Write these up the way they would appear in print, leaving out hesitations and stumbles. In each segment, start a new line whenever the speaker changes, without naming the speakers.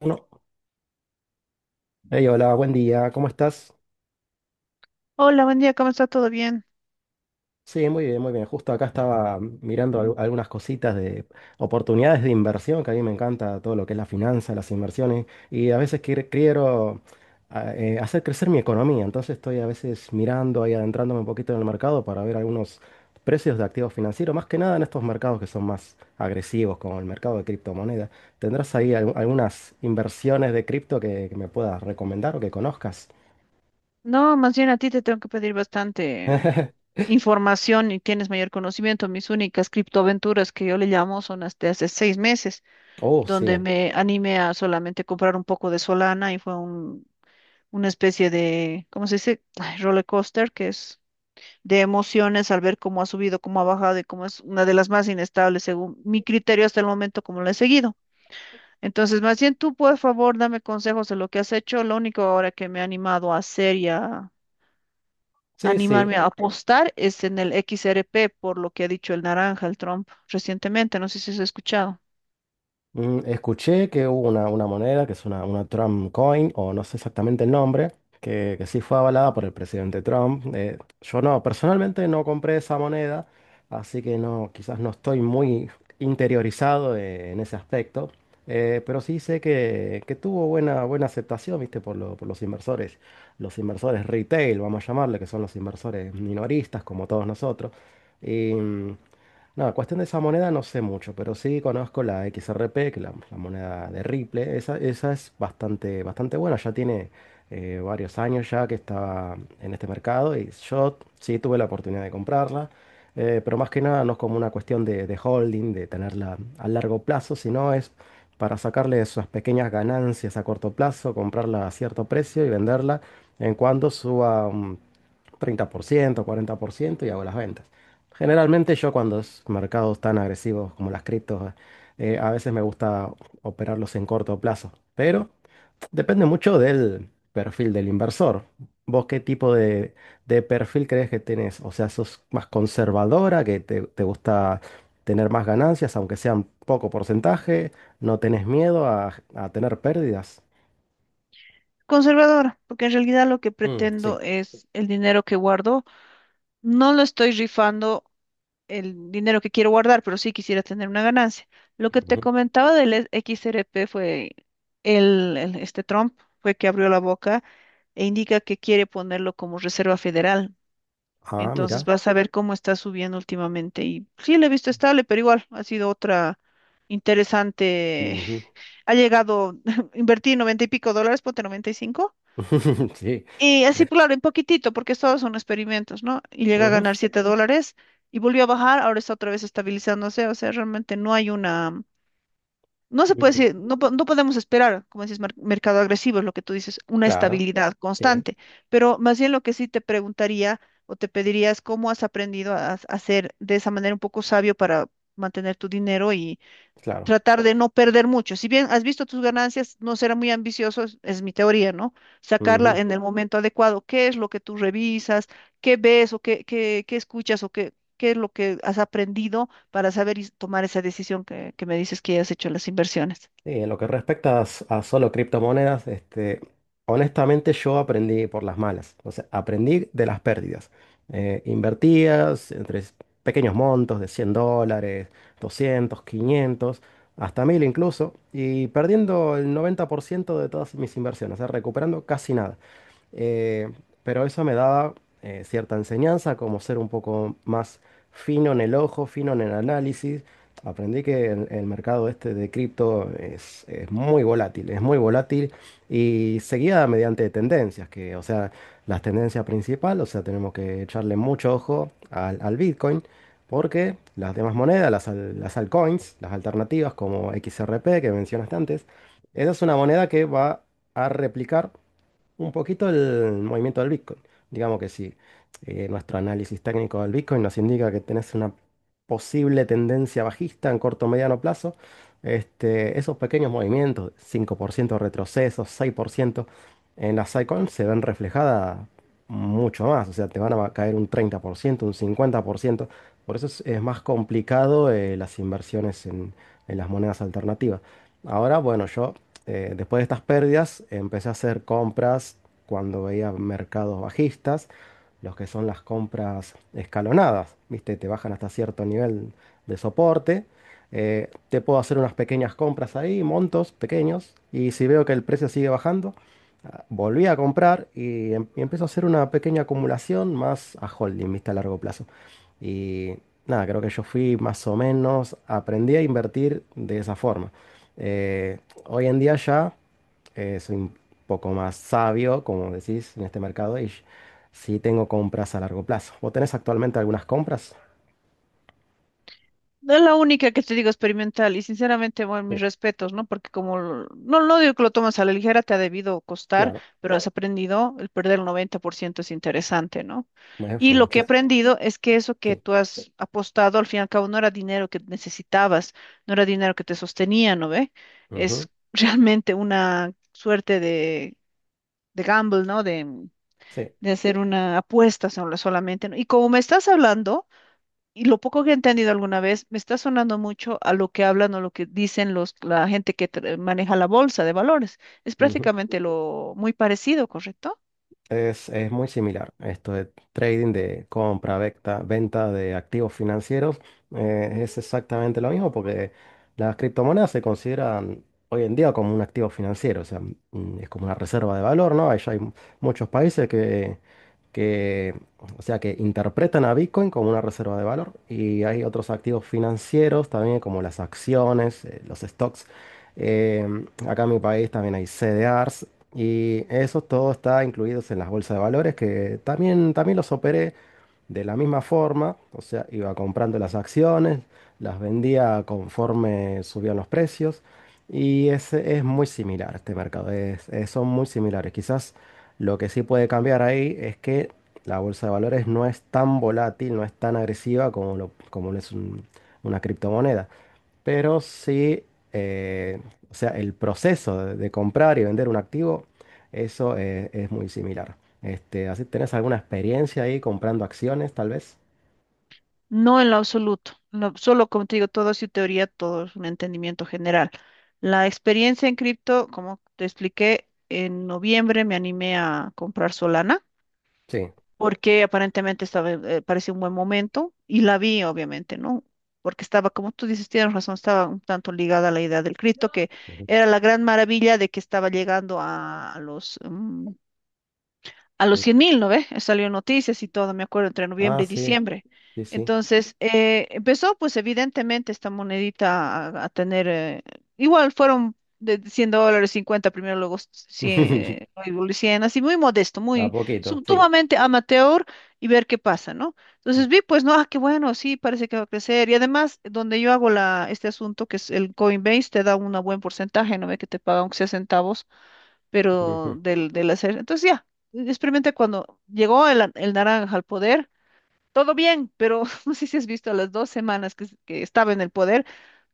Uno. Hey, hola, buen día, ¿cómo estás?
Hola, buen día, ¿cómo está? ¿Todo bien?
Sí, muy bien, muy bien. Justo acá estaba mirando algunas cositas de oportunidades de inversión, que a mí me encanta todo lo que es la finanza, las inversiones, y a veces quiero hacer crecer mi economía, entonces estoy a veces mirando y adentrándome un poquito en el mercado para ver algunos precios de activos financieros, más que nada en estos mercados que son más agresivos, como el mercado de criptomonedas. ¿Tendrás ahí algunas inversiones de cripto que me puedas recomendar o que conozcas?
No, más bien a ti te tengo que pedir bastante información y tienes mayor conocimiento. Mis únicas criptoaventuras, que yo le llamo, son las de hace 6 meses,
Oh,
donde
sí.
me animé a solamente comprar un poco de Solana y fue una especie de, ¿cómo se dice? Ay, roller coaster, que es de emociones al ver cómo ha subido, cómo ha bajado y cómo es una de las más inestables según mi criterio hasta el momento, como lo he seguido. Entonces, más bien tú, por favor, dame consejos de lo que has hecho. Lo único ahora que me ha animado a hacer y a
Sí, sí.
animarme a apostar es en el XRP, por lo que ha dicho el naranja, el Trump, recientemente. No sé si has escuchado.
Mm, escuché que hubo una moneda que es una Trump coin, o no sé exactamente el nombre, que sí fue avalada por el presidente Trump. Yo no, personalmente no compré esa moneda, así que no, quizás no estoy muy interiorizado en ese aspecto. Pero sí sé que tuvo buena, buena aceptación, ¿viste? Por los inversores retail, vamos a llamarle, que son los inversores minoristas, como todos nosotros. No, cuestión de esa moneda no sé mucho, pero sí conozco la XRP, que es la moneda de Ripple. Esa es bastante, bastante buena, ya tiene varios años ya que está en este mercado y yo sí tuve la oportunidad de comprarla, pero más que nada no es como una cuestión de holding, de tenerla a largo plazo, sino es para sacarle esas pequeñas ganancias a corto plazo, comprarla a cierto precio y venderla en cuanto suba un 30%, 40% y hago las ventas. Generalmente yo cuando es mercados tan agresivos como las criptos, a veces me gusta operarlos en corto plazo, pero depende mucho del perfil del inversor. ¿Vos qué tipo de perfil crees que tenés? O sea, ¿sos más conservadora, que te gusta tener más ganancias, aunque sean poco porcentaje? ¿No tenés miedo a tener pérdidas?
Conservadora, porque en realidad lo que
Mm,
pretendo
sí.
es el dinero que guardo. No lo estoy rifando el dinero que quiero guardar, pero sí quisiera tener una ganancia. Lo que te
Ujú.
comentaba del XRP fue este Trump fue que abrió la boca e indica que quiere ponerlo como reserva federal.
Ah,
Entonces
mira.
vas a ver cómo está subiendo últimamente. Y sí, lo he visto estable, pero igual ha sido otra interesante.
Ujú.
Ha llegado, invertí 90 y pico dólares, ponte 95,
Sí.
y así, claro, en poquitito, porque todos son experimentos, ¿no? Y llega a ganar 7 dólares y volvió a bajar, ahora está otra vez estabilizándose. O sea, realmente no hay no se puede
Mm,
decir, no, no podemos esperar, como dices, mercado agresivo, es lo que tú dices, una
claro,
estabilidad
sí,
constante, pero más bien lo que sí te preguntaría o te pediría es cómo has aprendido a ser de esa manera un poco sabio para mantener tu dinero,
claro.
tratar de no perder mucho. Si bien has visto tus ganancias, no será muy ambicioso, es mi teoría, ¿no? Sacarla
Ujú.
en el momento adecuado. ¿Qué es lo que tú revisas? ¿Qué ves o qué escuchas o qué es lo que has aprendido para saber y tomar esa decisión que me dices que has hecho en las inversiones?
Sí, en lo que respecta a, a solo criptomonedas, honestamente yo aprendí por las malas, o sea, aprendí de las pérdidas. Invertías entre pequeños montos de $100, 200, 500, hasta 1000 incluso, y perdiendo el 90% de todas mis inversiones, o sea, recuperando casi nada. Eh, pero eso me daba cierta enseñanza, como ser un poco más fino en el ojo, fino en el análisis. Aprendí que el mercado este de cripto es muy volátil y seguida mediante tendencias, que, o sea, las tendencias principales, o sea, tenemos que echarle mucho ojo al Bitcoin, porque las demás monedas, las altcoins, las alternativas como XRP que mencionaste antes, esa es una moneda que va a replicar un poquito el movimiento del Bitcoin. Digamos que si nuestro análisis técnico del Bitcoin nos indica que tenés una posible tendencia bajista en corto o mediano plazo, esos pequeños movimientos, 5% retrocesos, 6%, en las altcoins se ven reflejadas mucho más. O sea, te van a caer un 30%, un 50%. Por ciento. Por eso es más complicado las inversiones en las monedas alternativas. Ahora, bueno, yo después de estas pérdidas, empecé a hacer compras cuando veía mercados bajistas, los que son las compras escalonadas, ¿viste? Te bajan hasta cierto nivel de soporte. Te puedo hacer unas pequeñas compras ahí, montos pequeños, y si veo que el precio sigue bajando, volví a comprar y empiezo a hacer una pequeña acumulación más a holding, ¿viste? A largo plazo. Y nada, creo que yo fui más o menos, aprendí a invertir de esa forma. Eh, Hoy en día ya soy un poco más sabio, como decís, en este mercado y sí tengo compras a largo plazo. ¿Vos tenés actualmente algunas compras?
No, es la única que te digo, experimental, y sinceramente, bueno,
Sí,
mis respetos, ¿no? Porque no, no digo que lo tomas a la ligera, te ha debido costar,
claro,
pero has aprendido, el perder el 90% es interesante, ¿no?
bueno, sí,
Y lo que he
muchísimo.
aprendido es que eso que
Sí,
tú has apostado, al fin y al cabo, no era dinero que necesitabas, no era dinero que te sostenía, ¿no ve? Es,
ujú,
realmente, una suerte de gamble, ¿no?
sí,
De hacer una solamente, ¿no? Y como me estás hablando y lo poco que he entendido alguna vez, me está sonando mucho a lo que hablan o lo que dicen los, la gente que maneja la bolsa de valores. Es
ujú.
prácticamente lo muy parecido, ¿correcto?
Es muy similar. Esto de trading, de compra, venta, venta de activos financieros, es exactamente lo mismo porque las criptomonedas se consideran hoy en día como un activo financiero, o sea, mm, es como una reserva de valor, ¿no? Ya hay muchos países que, o sea, que interpretan a Bitcoin como una reserva de valor y hay otros activos financieros también como las acciones, los stocks. Eh, Acá en mi país también hay CDRs, y eso todo está incluido en las bolsas de valores que también, también los operé de la misma forma. O sea, iba comprando las acciones, las vendía conforme subían los precios. Y ese es muy similar este mercado. Son muy similares. Quizás lo que sí puede cambiar ahí es que la bolsa de valores no es tan volátil, no es tan agresiva como, como lo es una criptomoneda. Pero sí, eh, o sea, el proceso de comprar y vender un activo, eso es muy similar. Así, ¿tenés alguna experiencia ahí comprando acciones, tal vez?
No, en lo absoluto. Solo, como te digo, todo es su teoría, todo es un entendimiento general. La experiencia en cripto, como te expliqué, en noviembre me animé a comprar Solana,
Sí.
porque aparentemente estaba, parecía un buen momento y la vi, obviamente, ¿no? Porque estaba, como tú dices, tienes razón, estaba un tanto ligada a la idea del Cristo, que
Ujú.
era la gran maravilla, de que estaba llegando a los mm, a los
Ujú.
100 mil, ¿no ve? Salió noticias y todo, me acuerdo, entre
Ah,
noviembre y
sí,
diciembre.
sí, sí.
Entonces, empezó, pues, evidentemente, esta monedita a tener, igual fueron de 100 dólares, 50 primero, luego cien, luego así, muy modesto,
A
muy
poquito, sí.
sumamente amateur, y ver qué pasa, ¿no? Entonces vi, pues, no, ah, qué bueno, sí, parece que va a crecer. Y además, donde yo hago la, este asunto, que es el Coinbase, te da un buen porcentaje, ¿no ve? Que te paga aunque sea centavos, pero
Ujú.
del, del hacer. Entonces ya, experimenté cuando llegó el naranja al poder, todo bien, pero no sé si has visto, a las 2 semanas que estaba en el poder,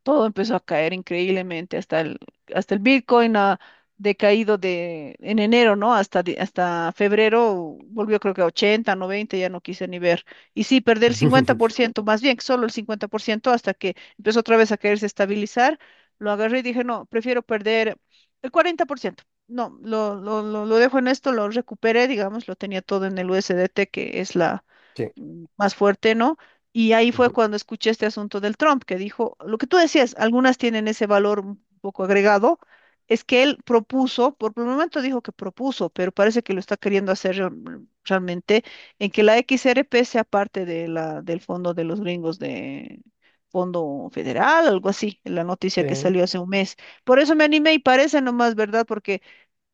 todo empezó a caer increíblemente, hasta el Bitcoin ha decaído en enero, ¿no? Hasta, hasta febrero, volvió creo que a 80, 90, ya no quise ni ver. Y sí, perdí el 50%, más bien solo el 50%, hasta que empezó otra vez a quererse estabilizar, lo agarré y dije, no, prefiero perder el 40%. No, lo dejo en esto, lo recuperé, digamos, lo tenía todo en el USDT, que es la,
Sí.
mm, más fuerte, ¿no? Y ahí fue
Ujú.
cuando escuché este asunto del Trump, que dijo, lo que tú decías, algunas tienen ese valor un poco agregado, es que él propuso, por el momento dijo que propuso, pero parece que lo está queriendo hacer realmente, en que la XRP sea parte de la, del fondo de los gringos, de Fondo Federal, algo así, en la
Sí,
noticia que salió hace 1 mes. Por eso me animé, y parece nomás, ¿verdad? Porque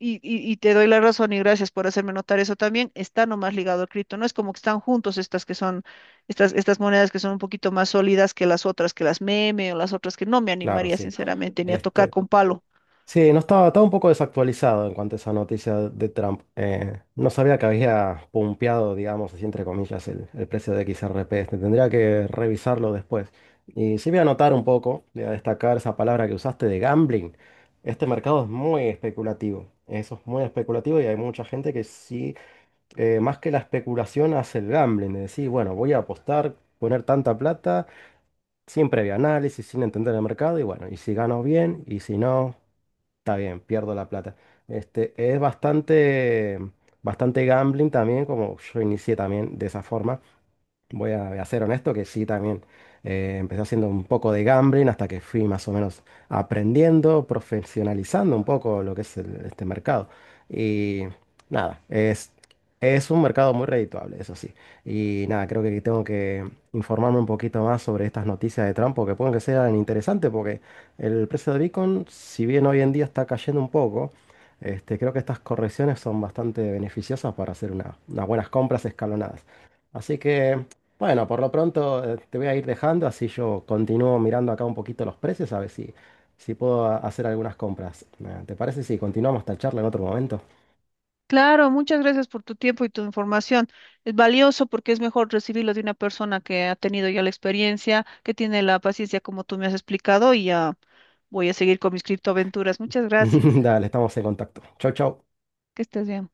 y te doy la razón y gracias por hacerme notar eso también. Está nomás ligado al cripto. No es como que están juntos estas que son, estas monedas que son un poquito más sólidas que las otras, que las meme o las otras que no me
claro,
animaría
sí.
sinceramente ni a tocar
Este,
con palo.
Sí, no estaba, estaba un poco desactualizado en cuanto a esa noticia de Trump. No sabía que había pumpeado, digamos, así entre comillas, el precio de XRP. Tendría que revisarlo después. Y sí voy a anotar un poco, voy a destacar esa palabra que usaste de gambling. Este mercado es muy especulativo. Eso es muy especulativo y hay mucha gente que sí, más que la especulación, hace el gambling. De decir, bueno, voy a apostar, poner tanta plata sin previo análisis, sin entender el mercado, y bueno, y si gano bien, y si no, está bien, pierdo la plata. Es bastante, bastante gambling también, como yo inicié también de esa forma. Voy a ser honesto que sí, también. Empecé haciendo un poco de gambling hasta que fui más o menos aprendiendo, profesionalizando un poco lo que es este mercado. Y nada, es un mercado muy redituable, eso sí. Y nada, creo que tengo que informarme un poquito más sobre estas noticias de Trump, porque pueden que sean interesantes, porque el precio de Bitcoin, si bien hoy en día está cayendo un poco, creo que estas correcciones son bastante beneficiosas para hacer unas buenas compras escalonadas. Así que bueno, por lo pronto te voy a ir dejando, así yo continúo mirando acá un poquito los precios, a ver si, si puedo hacer algunas compras. ¿Te parece si continuamos esta charla en otro momento?
Claro, muchas gracias por tu tiempo y tu información. Es valioso porque es mejor recibirlo de una persona que ha tenido ya la experiencia, que tiene la paciencia como tú me has explicado, y ya voy a seguir con mis criptoaventuras. Muchas gracias.
Dale, estamos en contacto. Chau, chau.
Que estés bien.